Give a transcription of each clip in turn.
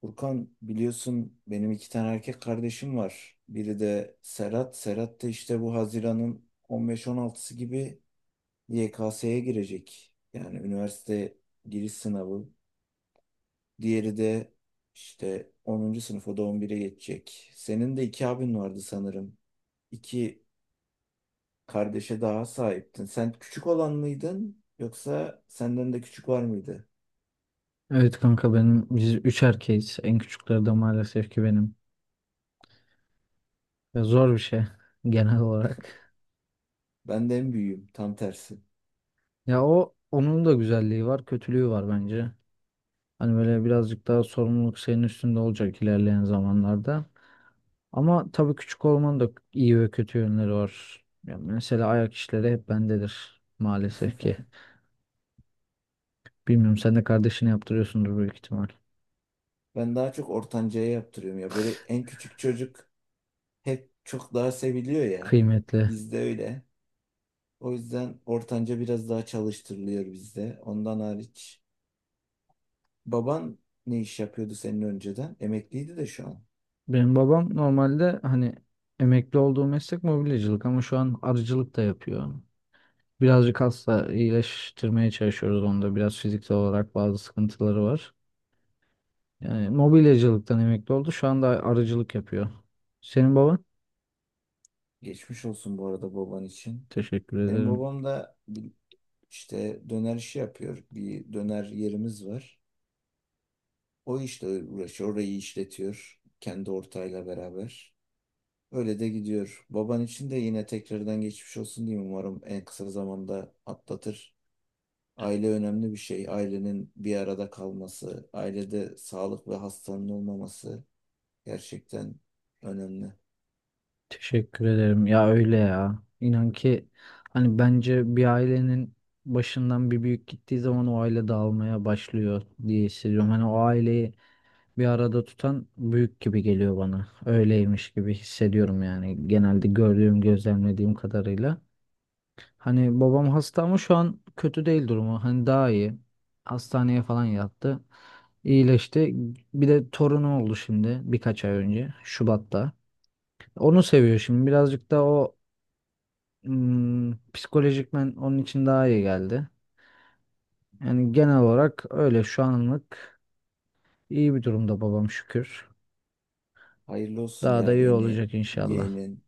Furkan biliyorsun benim iki tane erkek kardeşim var. Biri de Serhat. Serhat da işte bu Haziran'ın 15-16'sı gibi YKS'ye girecek. Yani üniversite giriş sınavı. Diğeri de işte onuncu sınıf o da 11'e geçecek. Senin de iki abin vardı sanırım. İki kardeşe daha sahiptin. Sen küçük olan mıydın yoksa senden de küçük var mıydı? Evet kanka benim biz üç erkeğiz. En küçükleri de maalesef ki benim. Ya zor bir şey genel olarak. Ben de en büyüğüm, tam tersi. Ya o onun da güzelliği var, kötülüğü var bence. Hani böyle birazcık daha sorumluluk senin üstünde olacak ilerleyen zamanlarda. Ama tabii küçük olmanın da iyi ve kötü yönleri var. Ya mesela ayak işleri hep bendedir maalesef ki. Bilmiyorum sen de kardeşine yaptırıyorsundur büyük ihtimal. Ben daha çok ortancaya yaptırıyorum ya. Böyle en küçük çocuk hep çok daha seviliyor ya. Kıymetli. Bizde öyle. O yüzden ortanca biraz daha çalıştırılıyor bizde. Ondan hariç. Baban ne iş yapıyordu senin önceden? Emekliydi de şu an. Benim babam normalde hani emekli olduğu meslek mobilyacılık ama şu an arıcılık da yapıyor. Birazcık hasta iyileştirmeye çalışıyoruz onda. Biraz fiziksel olarak bazı sıkıntıları var. Yani mobilyacılıktan emekli oldu. Şu anda arıcılık yapıyor. Senin baban? Geçmiş olsun bu arada baban için. Teşekkür Benim ederim. babam da işte döner işi yapıyor. Bir döner yerimiz var. O işle uğraşıyor. Orayı işletiyor. Kendi ortağıyla beraber. Öyle de gidiyor. Baban için de yine tekrardan geçmiş olsun diyeyim. Umarım en kısa zamanda atlatır. Aile önemli bir şey. Ailenin bir arada kalması, ailede sağlık ve hastanın olmaması gerçekten önemli. Teşekkür ederim. Ya öyle ya. İnan ki hani bence bir ailenin başından bir büyük gittiği zaman o aile dağılmaya başlıyor diye hissediyorum. Hani o aileyi bir arada tutan büyük gibi geliyor bana. Öyleymiş gibi hissediyorum yani. Genelde gördüğüm, gözlemlediğim kadarıyla. Hani babam hasta ama şu an kötü değil durumu. Hani daha iyi. Hastaneye falan yattı. İyileşti. Bir de torunu oldu şimdi birkaç ay önce. Şubat'ta. Onu seviyor şimdi. Birazcık da psikolojikmen onun için daha iyi geldi. Yani genel olarak öyle şu anlık iyi bir durumda babam şükür. Hayırlı olsun Daha ya, da iyi yeni olacak inşallah. yeğenin.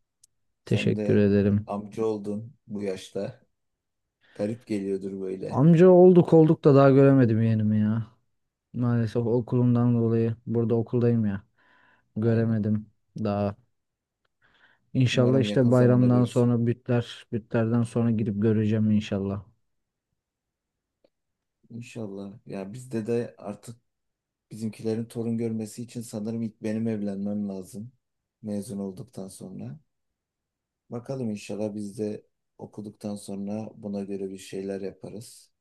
Sen Teşekkür de ederim. amca oldun bu yaşta. Garip geliyordur böyle. Amca olduk olduk da daha göremedim yeğenimi ya. Maalesef okulumdan dolayı burada okuldayım ya. Aynen. Göremedim daha. İnşallah Umarım işte yakın zamanda bayramdan görürsün. sonra bütlerden sonra gidip göreceğim inşallah. İnşallah. Ya bizde de artık bizimkilerin torun görmesi için sanırım ilk benim evlenmem lazım. Mezun olduktan sonra. Bakalım, inşallah biz de okuduktan sonra buna göre bir şeyler yaparız.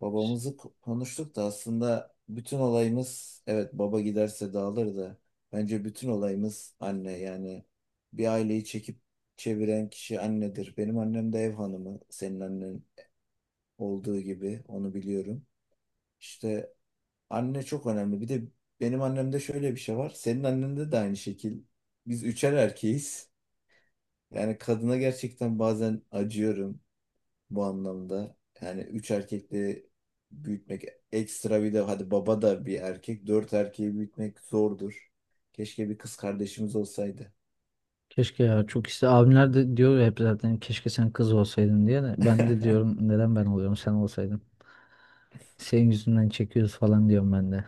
Babamızı konuştuk da aslında bütün olayımız evet, baba giderse dağılır da bence bütün olayımız anne. Yani bir aileyi çekip çeviren kişi annedir. Benim annem de ev hanımı, senin annen olduğu gibi, onu biliyorum. İşte anne çok önemli. Bir de benim annemde şöyle bir şey var. Senin annende de aynı şekil. Biz üçer erkeğiz. Yani kadına gerçekten bazen acıyorum bu anlamda. Yani üç erkekle büyütmek, ekstra bir de hadi baba da bir erkek. Dört erkeği büyütmek zordur. Keşke bir kız kardeşimiz olsaydı. Keşke ya çok iste abimler de diyor ya hep zaten keşke sen kız olsaydın diye de ben de diyorum neden ben oluyorum sen olsaydın. Senin yüzünden çekiyoruz falan diyorum ben de.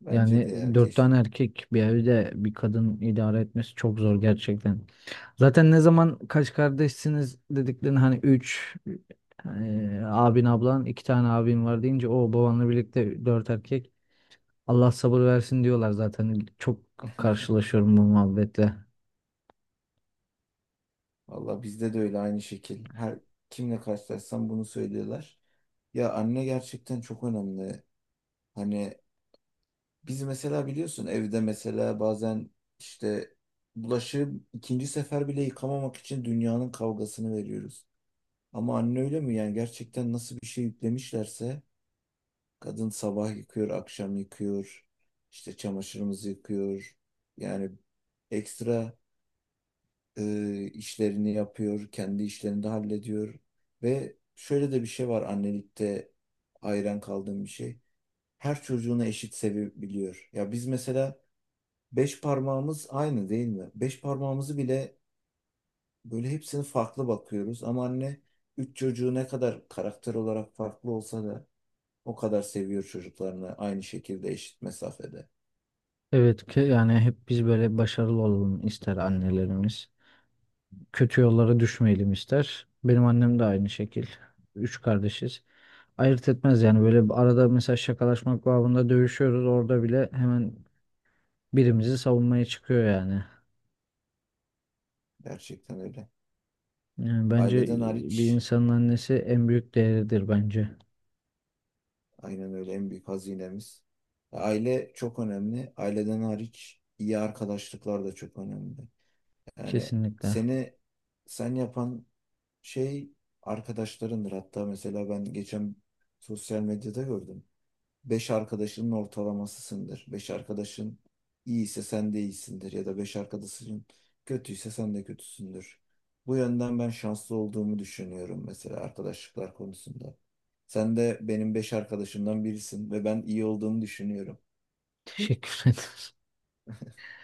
Bence Yani de ya, dört tane keşke. erkek bir evde bir kadın idare etmesi çok zor gerçekten. Zaten ne zaman kaç kardeşsiniz dediklerini hani üç abin ablan iki tane abin var deyince o babanla birlikte dört erkek. Allah sabır versin diyorlar zaten. Çok karşılaşıyorum bu muhabbetle. Valla bizde de öyle, aynı şekil. Her kimle karşılaşsam bunu söylüyorlar. Ya anne gerçekten çok önemli. Hani biz mesela biliyorsun evde mesela bazen işte bulaşığı ikinci sefer bile yıkamamak için dünyanın kavgasını veriyoruz. Ama anne öyle mi? Yani gerçekten nasıl bir şey yüklemişlerse, kadın sabah yıkıyor, akşam yıkıyor, işte çamaşırımızı yıkıyor. Yani ekstra işlerini yapıyor, kendi işlerini de hallediyor. Ve şöyle de bir şey var annelikte, hayran kaldığım bir şey. Her çocuğunu eşit sevebiliyor. Ya biz mesela, beş parmağımız aynı değil mi? Beş parmağımızı bile böyle hepsini farklı bakıyoruz. Ama anne üç çocuğu ne kadar karakter olarak farklı olsa da o kadar seviyor çocuklarını, aynı şekilde, eşit mesafede. Evet ki yani hep biz böyle başarılı olalım ister annelerimiz. Kötü yollara düşmeyelim ister. Benim annem de aynı şekil. Üç kardeşiz. Ayırt etmez yani böyle bir arada mesela şakalaşmak babında dövüşüyoruz. Orada bile hemen birimizi savunmaya çıkıyor yani. Gerçekten öyle. Yani bence Aileden bir hariç. insanın annesi en büyük değeridir bence. Aynen öyle, en büyük hazinemiz. Aile çok önemli. Aileden hariç iyi arkadaşlıklar da çok önemli. Yani Kesinlikle. seni sen yapan şey arkadaşlarındır. Hatta mesela ben geçen sosyal medyada gördüm. 5 arkadaşının ortalamasısındır. 5 arkadaşın iyiyse sen de iyisindir, ya da 5 arkadaşın kötüyse sen de kötüsündür. Bu yönden ben şanslı olduğumu düşünüyorum mesela arkadaşlıklar konusunda. Sen de benim beş arkadaşımdan birisin ve ben iyi olduğumu düşünüyorum. Teşekkür ederim.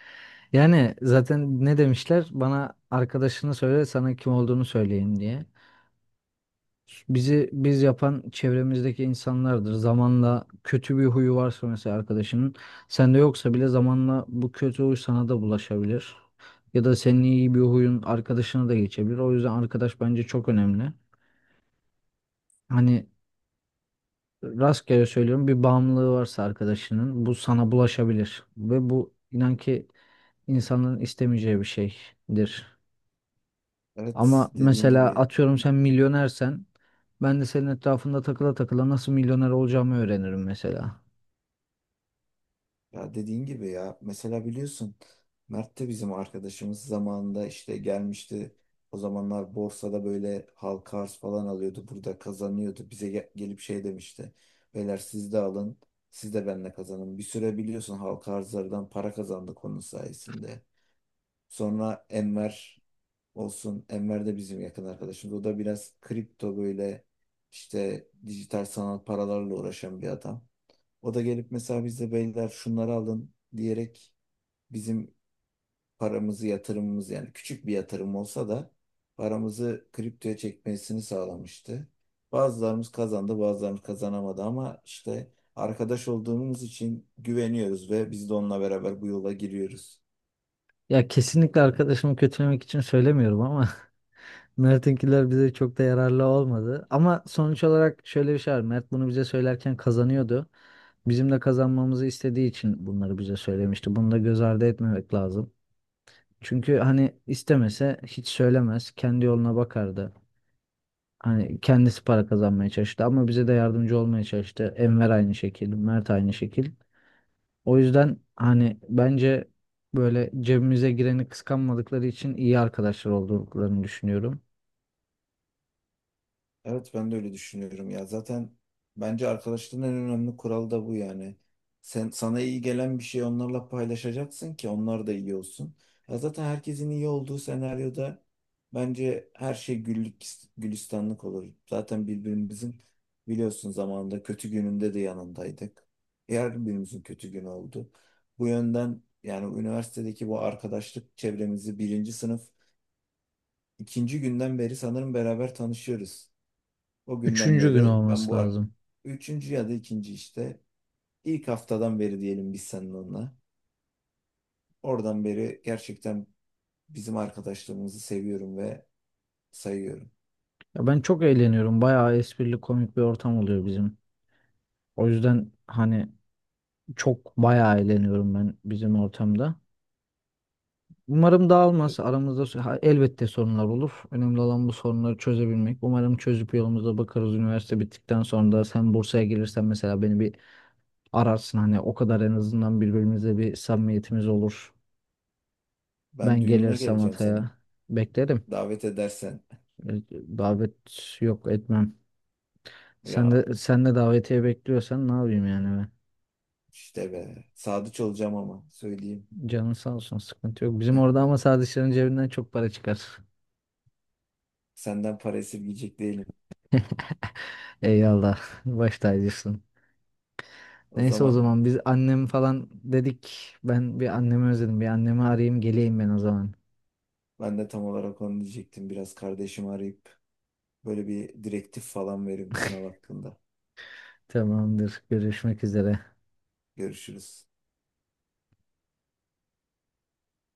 Yani zaten ne demişler? Bana arkadaşını söyle, sana kim olduğunu söyleyeyim diye. Bizi biz yapan çevremizdeki insanlardır. Zamanla kötü bir huyu varsa mesela arkadaşının, sende yoksa bile zamanla bu kötü huy sana da bulaşabilir. Ya da senin iyi bir huyun arkadaşına da geçebilir. O yüzden arkadaş bence çok önemli. Hani rastgele söylüyorum bir bağımlılığı varsa arkadaşının bu sana bulaşabilir. Ve bu inan ki insanların istemeyeceği bir şeydir. Evet, Ama dediğin mesela gibi. atıyorum sen milyonersen ben de senin etrafında takıla takıla nasıl milyoner olacağımı öğrenirim mesela. Ya dediğin gibi ya, mesela biliyorsun Mert de bizim arkadaşımız zamanında işte gelmişti. O zamanlar borsada böyle halka arz falan alıyordu. Burada kazanıyordu. Bize gelip şey demişti. Beyler siz de alın. Siz de benimle kazanın. Bir süre biliyorsun halka arzlardan para kazandık onun sayesinde. Sonra Enver olsun. Enver de bizim yakın arkadaşımız. O da biraz kripto böyle işte dijital sanal paralarla uğraşan bir adam. O da gelip mesela bize beyler şunları alın diyerek bizim paramızı, yatırımımız yani küçük bir yatırım olsa da paramızı kriptoya çekmesini sağlamıştı. Bazılarımız kazandı, bazılarımız kazanamadı, ama işte arkadaş olduğumuz için güveniyoruz ve biz de onunla beraber bu yola giriyoruz. Ya kesinlikle arkadaşımı kötülemek için söylemiyorum ama Mert'inkiler bize çok da yararlı olmadı. Ama sonuç olarak şöyle bir şey var. Mert bunu bize söylerken kazanıyordu. Bizim de kazanmamızı istediği için bunları bize söylemişti. Bunu da göz ardı etmemek lazım. Çünkü hani istemese hiç söylemez. Kendi yoluna bakardı. Hani kendisi para kazanmaya çalıştı ama bize de yardımcı olmaya çalıştı. Enver aynı şekil, Mert aynı şekil. O yüzden hani bence böyle cebimize gireni kıskanmadıkları için iyi arkadaşlar olduklarını düşünüyorum. Evet, ben de öyle düşünüyorum ya. Zaten bence arkadaşlığın en önemli kuralı da bu yani. Sen sana iyi gelen bir şeyi onlarla paylaşacaksın ki onlar da iyi olsun. Ya zaten herkesin iyi olduğu senaryoda bence her şey güllük gülistanlık olur. Zaten birbirimizin, biliyorsun, zamanında kötü gününde de yanındaydık. Her birimizin kötü günü oldu. Bu yönden yani üniversitedeki bu arkadaşlık çevremizi birinci sınıf ikinci günden beri sanırım beraber tanışıyoruz. O günden Üçüncü gün beri ben olması bu lazım. üçüncü ya da ikinci işte, ilk haftadan beri diyelim biz seninle onunla. Oradan beri gerçekten bizim arkadaşlığımızı seviyorum ve sayıyorum. Ya ben çok eğleniyorum. Bayağı esprili komik bir ortam oluyor bizim. O yüzden hani çok bayağı eğleniyorum ben bizim ortamda. Umarım E, dağılmaz. Aramızda ha, elbette sorunlar olur. Önemli olan bu sorunları çözebilmek. Umarım çözüp yolumuza bakarız. Üniversite bittikten sonra da sen Bursa'ya gelirsen mesela beni bir ararsın. Hani o kadar en azından birbirimize bir samimiyetimiz olur. Ben Ben düğününe gelirsem geleceğim senin. Hatay'a beklerim. Davet edersen E, Davet yok etmem. Sen ya de, sen de davetiye bekliyorsan ne yapayım yani ben? işte be, sadıç olacağım ama söyleyeyim. Canın sağ olsun sıkıntı yok. Bizim orada ama sadece cebinden çok para çıkar. Senden para esirgeyecek değilim. Eyvallah. Baş tacısın. O Neyse o zaman zaman biz annem falan dedik. Ben bir annemi özledim. Bir annemi arayayım geleyim ben o zaman. ben de tam olarak onu diyecektim. Biraz kardeşimi arayıp böyle bir direktif falan veririm sınav hakkında. Tamamdır. Görüşmek üzere. Görüşürüz.